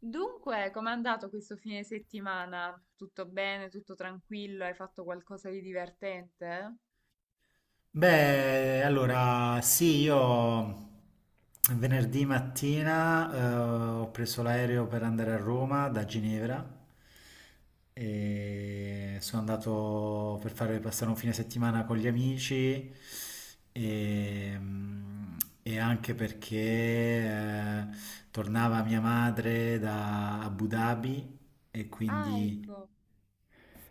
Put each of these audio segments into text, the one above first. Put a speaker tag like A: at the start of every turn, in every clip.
A: Dunque, com'è andato questo fine settimana? Tutto bene? Tutto tranquillo? Hai fatto qualcosa di divertente?
B: Beh, allora sì, io venerdì mattina ho preso l'aereo per andare a Roma da Ginevra e sono andato per fare passare un fine settimana con gli amici e, mm, e anche perché tornava mia madre da Abu Dhabi e
A: Ah,
B: quindi...
A: ecco.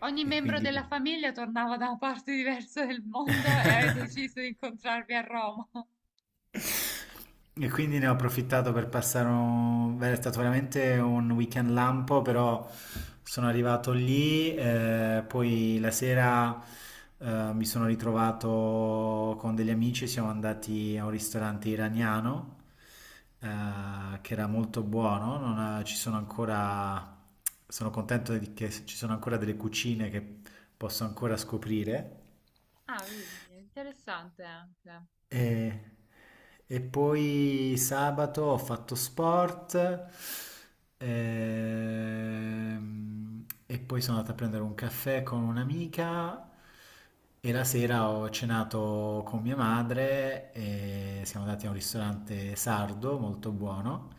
A: Ogni
B: E
A: membro
B: quindi
A: della famiglia tornava da una parte diversa del mondo e avete deciso di incontrarvi a Roma.
B: E quindi ne ho approfittato per passare un... Beh, è stato veramente un weekend lampo, però sono arrivato lì, poi la sera mi sono ritrovato con degli amici, siamo andati a un ristorante iraniano, eh, che era molto buono. Non ha- Ci sono ancora, sono che ci sono ancora delle cucine che posso ancora scoprire.
A: Ah, vedi, è interessante anche.
B: E, e poi sabato ho fatto sport, e poi sono andato a prendere un caffè con un'amica, e la sera ho cenato con mia madre e siamo andati a un ristorante sardo molto buono.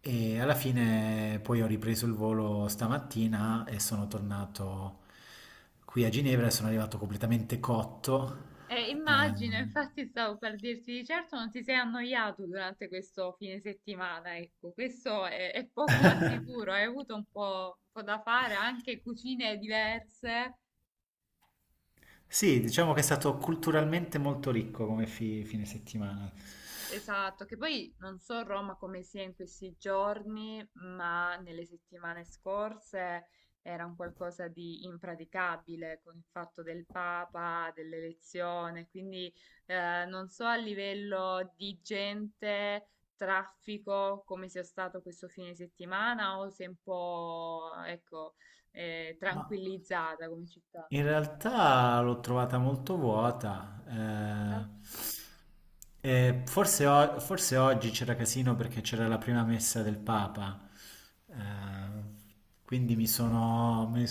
B: E alla fine poi ho ripreso il volo stamattina e sono tornato qui a Ginevra e sono arrivato completamente cotto. eh,
A: Immagino, infatti stavo per dirti di certo non ti sei annoiato durante questo fine settimana, ecco, questo è poco ma sicuro, hai avuto un po' da fare, anche cucine diverse.
B: sì, diciamo che è stato culturalmente molto ricco come fine settimana.
A: Esatto, che poi non so Roma come sia in questi giorni, ma nelle settimane scorse era un qualcosa di impraticabile con il fatto del Papa, dell'elezione, quindi non so a livello di gente, traffico, come sia stato questo fine settimana o se è un po', ecco,
B: Ma
A: tranquillizzata come città.
B: in realtà l'ho trovata molto vuota.
A: Dai.
B: E forse oggi c'era casino perché c'era la prima messa del Papa. eh, quindi me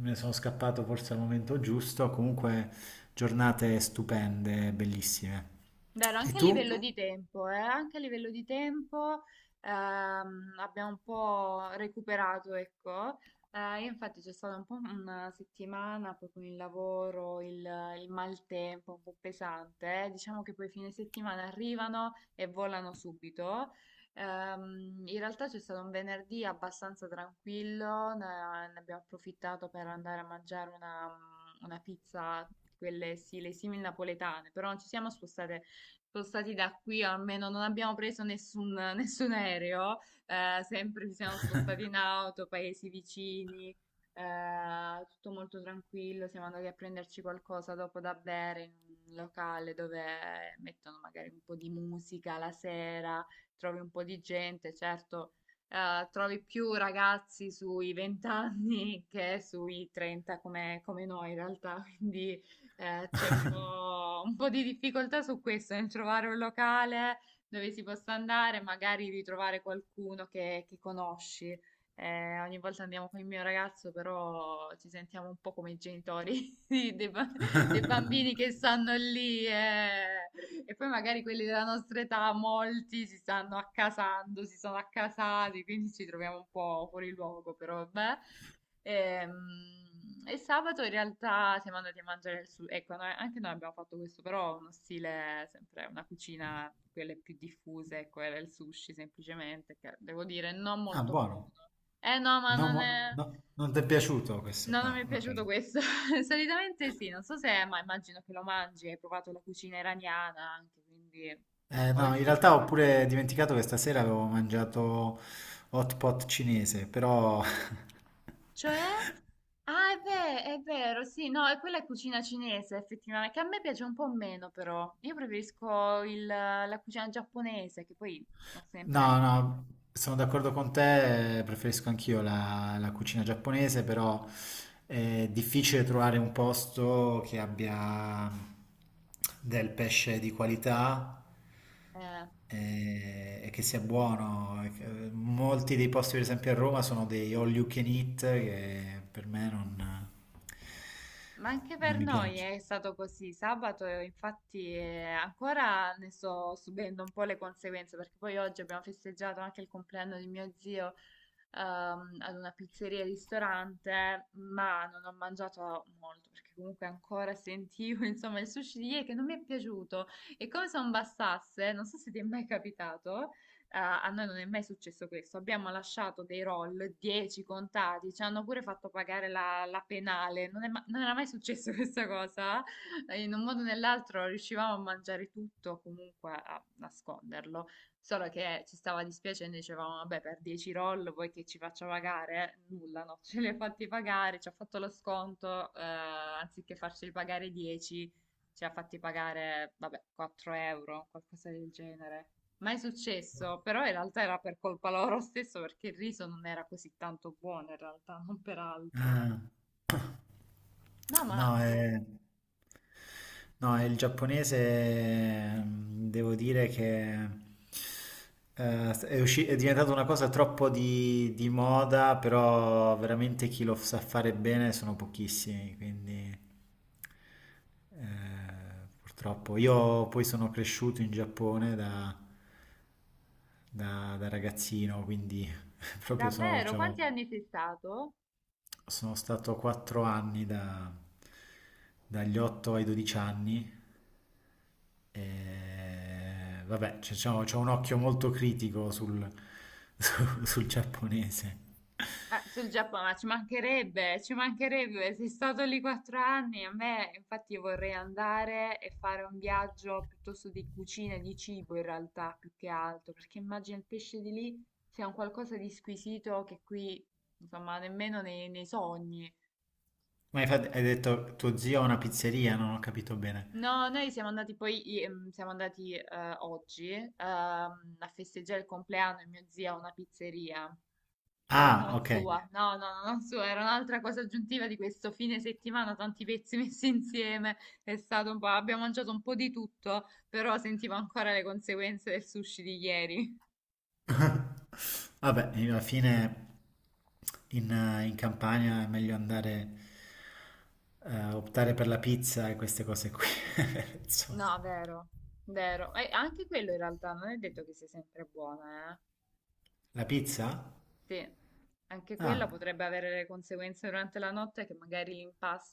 B: ne sono scappato forse al momento giusto. Comunque, giornate stupende, bellissime.
A: Vero,
B: E
A: anche a livello
B: tu?
A: di tempo, abbiamo un po' recuperato, ecco. Infatti c'è stata un po' una settimana poi con il lavoro, il maltempo un po' pesante, eh. Diciamo che poi fine settimana arrivano e volano subito. In realtà c'è stato un venerdì abbastanza tranquillo, ne abbiamo approfittato per andare a mangiare una pizza, quelle sì, le simil napoletane, però non ci siamo spostate spostati da qui, o almeno non abbiamo preso nessun, nessun aereo, sempre ci siamo spostati in auto, paesi vicini, tutto molto tranquillo, siamo andati a prenderci qualcosa dopo da bere in un locale dove mettono magari un po' di musica la sera, trovi un po' di gente, certo. Trovi più ragazzi sui 20 anni che sui 30 come, come noi in realtà, quindi c'è un po' di difficoltà su questo, nel trovare un locale dove si possa andare, magari ritrovare qualcuno che conosci. Ogni volta andiamo con il mio ragazzo, però ci sentiamo un po' come i genitori di- dei, ba- dei bambini che stanno lì, eh. E poi magari quelli della nostra età, molti si stanno accasando, si sono accasati, quindi ci troviamo un po' fuori luogo, però vabbè. Ehm, Sabato in realtà siamo andati a mangiare il sushi. Ecco, anche noi abbiamo fatto questo, però uno stile, sempre una cucina, quelle più diffuse, ecco, era il sushi semplicemente, che devo dire non
B: Ah,
A: molto
B: buono.
A: buono. Eh no, ma
B: No,
A: non è...
B: no, non ti è piaciuto questo
A: No, non mi è
B: qua, ok.
A: piaciuto questo. Solitamente sì, non so se, ma immagino che lo mangi, hai provato la cucina iraniana anche, quindi... O il
B: No, in
A: sushi.
B: realtà ho pure dimenticato che stasera avevo mangiato hot pot cinese, però
A: Cioè? Ah, è vero, sì, no, e quella è cucina cinese, effettivamente, che a me piace un po' meno, però. Io preferisco la cucina giapponese, che poi sono sempre...
B: No, no, sono d'accordo con te, preferisco anch'io la cucina giapponese, però è difficile trovare un posto che abbia del pesce di qualità,
A: eh,
B: e che sia buono. Molti dei posti, per esempio a Roma, sono dei all you can eat che per me non,
A: ma anche
B: non
A: per
B: mi
A: noi
B: piacciono.
A: è stato così. Sabato, infatti, ancora ne sto subendo un po' le conseguenze, perché poi oggi abbiamo festeggiato anche il compleanno di mio zio, ad una pizzeria e ristorante, ma non ho mangiato molto perché comunque ancora sentivo, insomma, il sushi di ieri che non mi è piaciuto. E come se non bastasse, non so se ti è mai capitato, a noi non è mai successo questo. Abbiamo lasciato dei roll, 10 contati, ci hanno pure fatto pagare la, la penale. Non è ma- Non era mai successo questa cosa. In un modo o nell'altro riuscivamo a mangiare tutto, comunque a nasconderlo. Solo che ci stava dispiacendo, dicevamo, vabbè, per 10 roll vuoi che ci faccia pagare? Nulla, no, ce li ha fatti pagare, ci ha fatto lo sconto, anziché farceli pagare 10, ci ha fatti pagare, vabbè, 4 euro, qualcosa del genere. Mai successo, però in realtà era per colpa loro stesso perché il riso non era così tanto buono, in realtà, non per altro.
B: Ah.
A: No, ma
B: No,
A: boh,
B: è... No, il giapponese, devo dire che è diventata una cosa troppo di moda, però veramente chi lo sa fare bene sono pochissimi, quindi purtroppo. Io poi sono cresciuto in Giappone da ragazzino, quindi proprio sono,
A: davvero,
B: c'ho-
A: quanti anni sei stato?
B: sono stato 4 anni dagli 8 ai 12 anni, e vabbè, c'è diciamo, c'ho un occhio molto critico sul, sul giapponese.
A: Ah, sul Giappone, ma ci mancherebbe, sei stato lì quattro anni, a me infatti vorrei andare e fare un viaggio piuttosto di cucina, e di cibo in realtà, più che altro, perché immagino il pesce di lì sia un qualcosa di squisito che qui, insomma, nemmeno nei, nei sogni.
B: Ma infatti hai detto tuo zio ha una pizzeria, non ho capito bene.
A: No, noi siamo andati poi, siamo andati oggi, a festeggiare il compleanno di mio zio a una pizzeria. Però
B: Ah,
A: non
B: ok.
A: sua, no, no, no, non sua, era un'altra cosa aggiuntiva di questo fine settimana, tanti pezzi messi insieme, è stato un po', abbiamo mangiato un po' di tutto, però sentivo ancora le conseguenze del sushi di ieri.
B: Vabbè, alla fine in, in Campania è meglio andare, optare per la pizza e queste cose qui. Insomma.
A: No, vero, vero, e anche quello in realtà non è detto che sia sempre buono.
B: La pizza?
A: Sì, anche quella
B: Ah,
A: potrebbe avere le conseguenze durante la notte che magari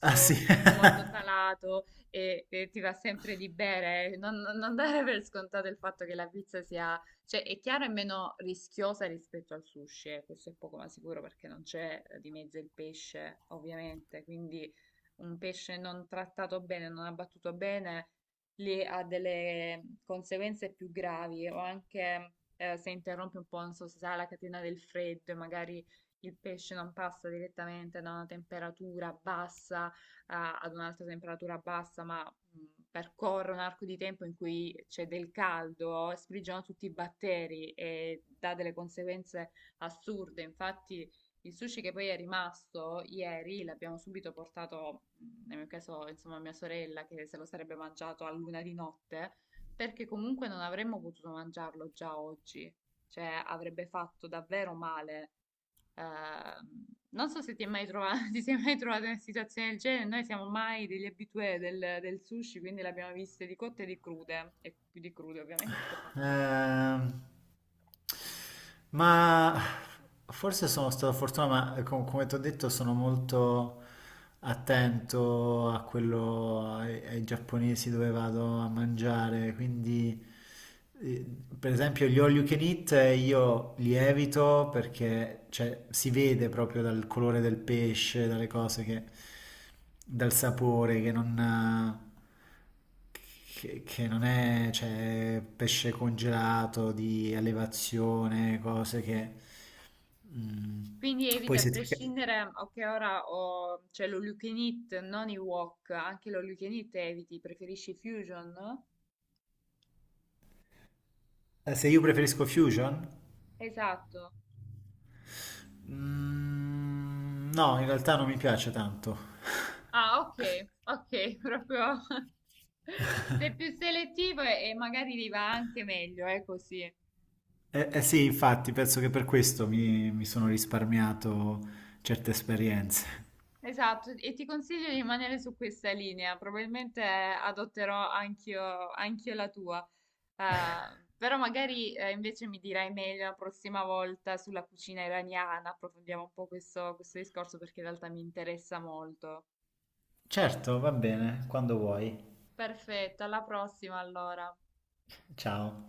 B: ah sì,
A: è molto salato e ti va sempre di bere. Non dare per scontato il fatto che la pizza sia, cioè è chiaro è meno rischiosa rispetto al sushi, questo è poco ma sicuro perché non c'è, di mezzo il pesce, ovviamente, quindi un pesce non trattato bene, non abbattuto bene, lì ha delle conseguenze più gravi o anche se interrompe un po', non so se sarà la catena del freddo e magari il pesce non passa direttamente da una temperatura bassa, ad un'altra temperatura bassa, ma percorre un arco di tempo in cui c'è del caldo, sprigiona tutti i batteri e dà delle conseguenze assurde. Infatti, il sushi che poi è rimasto ieri l'abbiamo subito portato, nel mio caso, insomma, a mia sorella che se lo sarebbe mangiato a luna di notte perché comunque non avremmo potuto mangiarlo già oggi, cioè avrebbe fatto davvero male. Ehm, Non so se ti è mai trovato, ti sei mai trovato in una situazione del genere, noi siamo mai degli abitué del, del sushi, quindi l'abbiamo viste di cotte e di crude, e più di crude ovviamente, parlando di sushi.
B: Ehm, ma forse sono stato fortunato, ma come ti ho detto sono molto attento a quello, ai giapponesi dove vado a mangiare, quindi eh, per esempio gli all you can eat, io li evito perché cioè, si vede proprio dal colore del pesce, dalle cose dal sapore che non... eh, che non è, cioè, pesce congelato di allevazione, cose che... mm,
A: Quindi eviti
B: poi
A: a
B: se ti...
A: prescindere, ok, ora ho, c'è l'all you can eat, non i wok, anche l'all you can eat eviti, preferisci fusion?
B: Eh, se io preferisco Fusion?
A: Esatto.
B: Mm, no, in realtà non mi piace tanto.
A: Ah, ok, ok, proprio sei più selettivo e magari li va anche meglio, è così.
B: Eh sì, infatti, penso che per questo mi sono risparmiato certe esperienze.
A: Esatto, e ti consiglio di rimanere su questa linea, probabilmente adotterò anch'io la tua. Però magari invece mi dirai meglio la prossima volta sulla cucina iraniana, approfondiamo un po' questo discorso perché in realtà mi interessa molto.
B: Certo, va bene, quando vuoi.
A: Perfetto, alla prossima allora.
B: Ciao.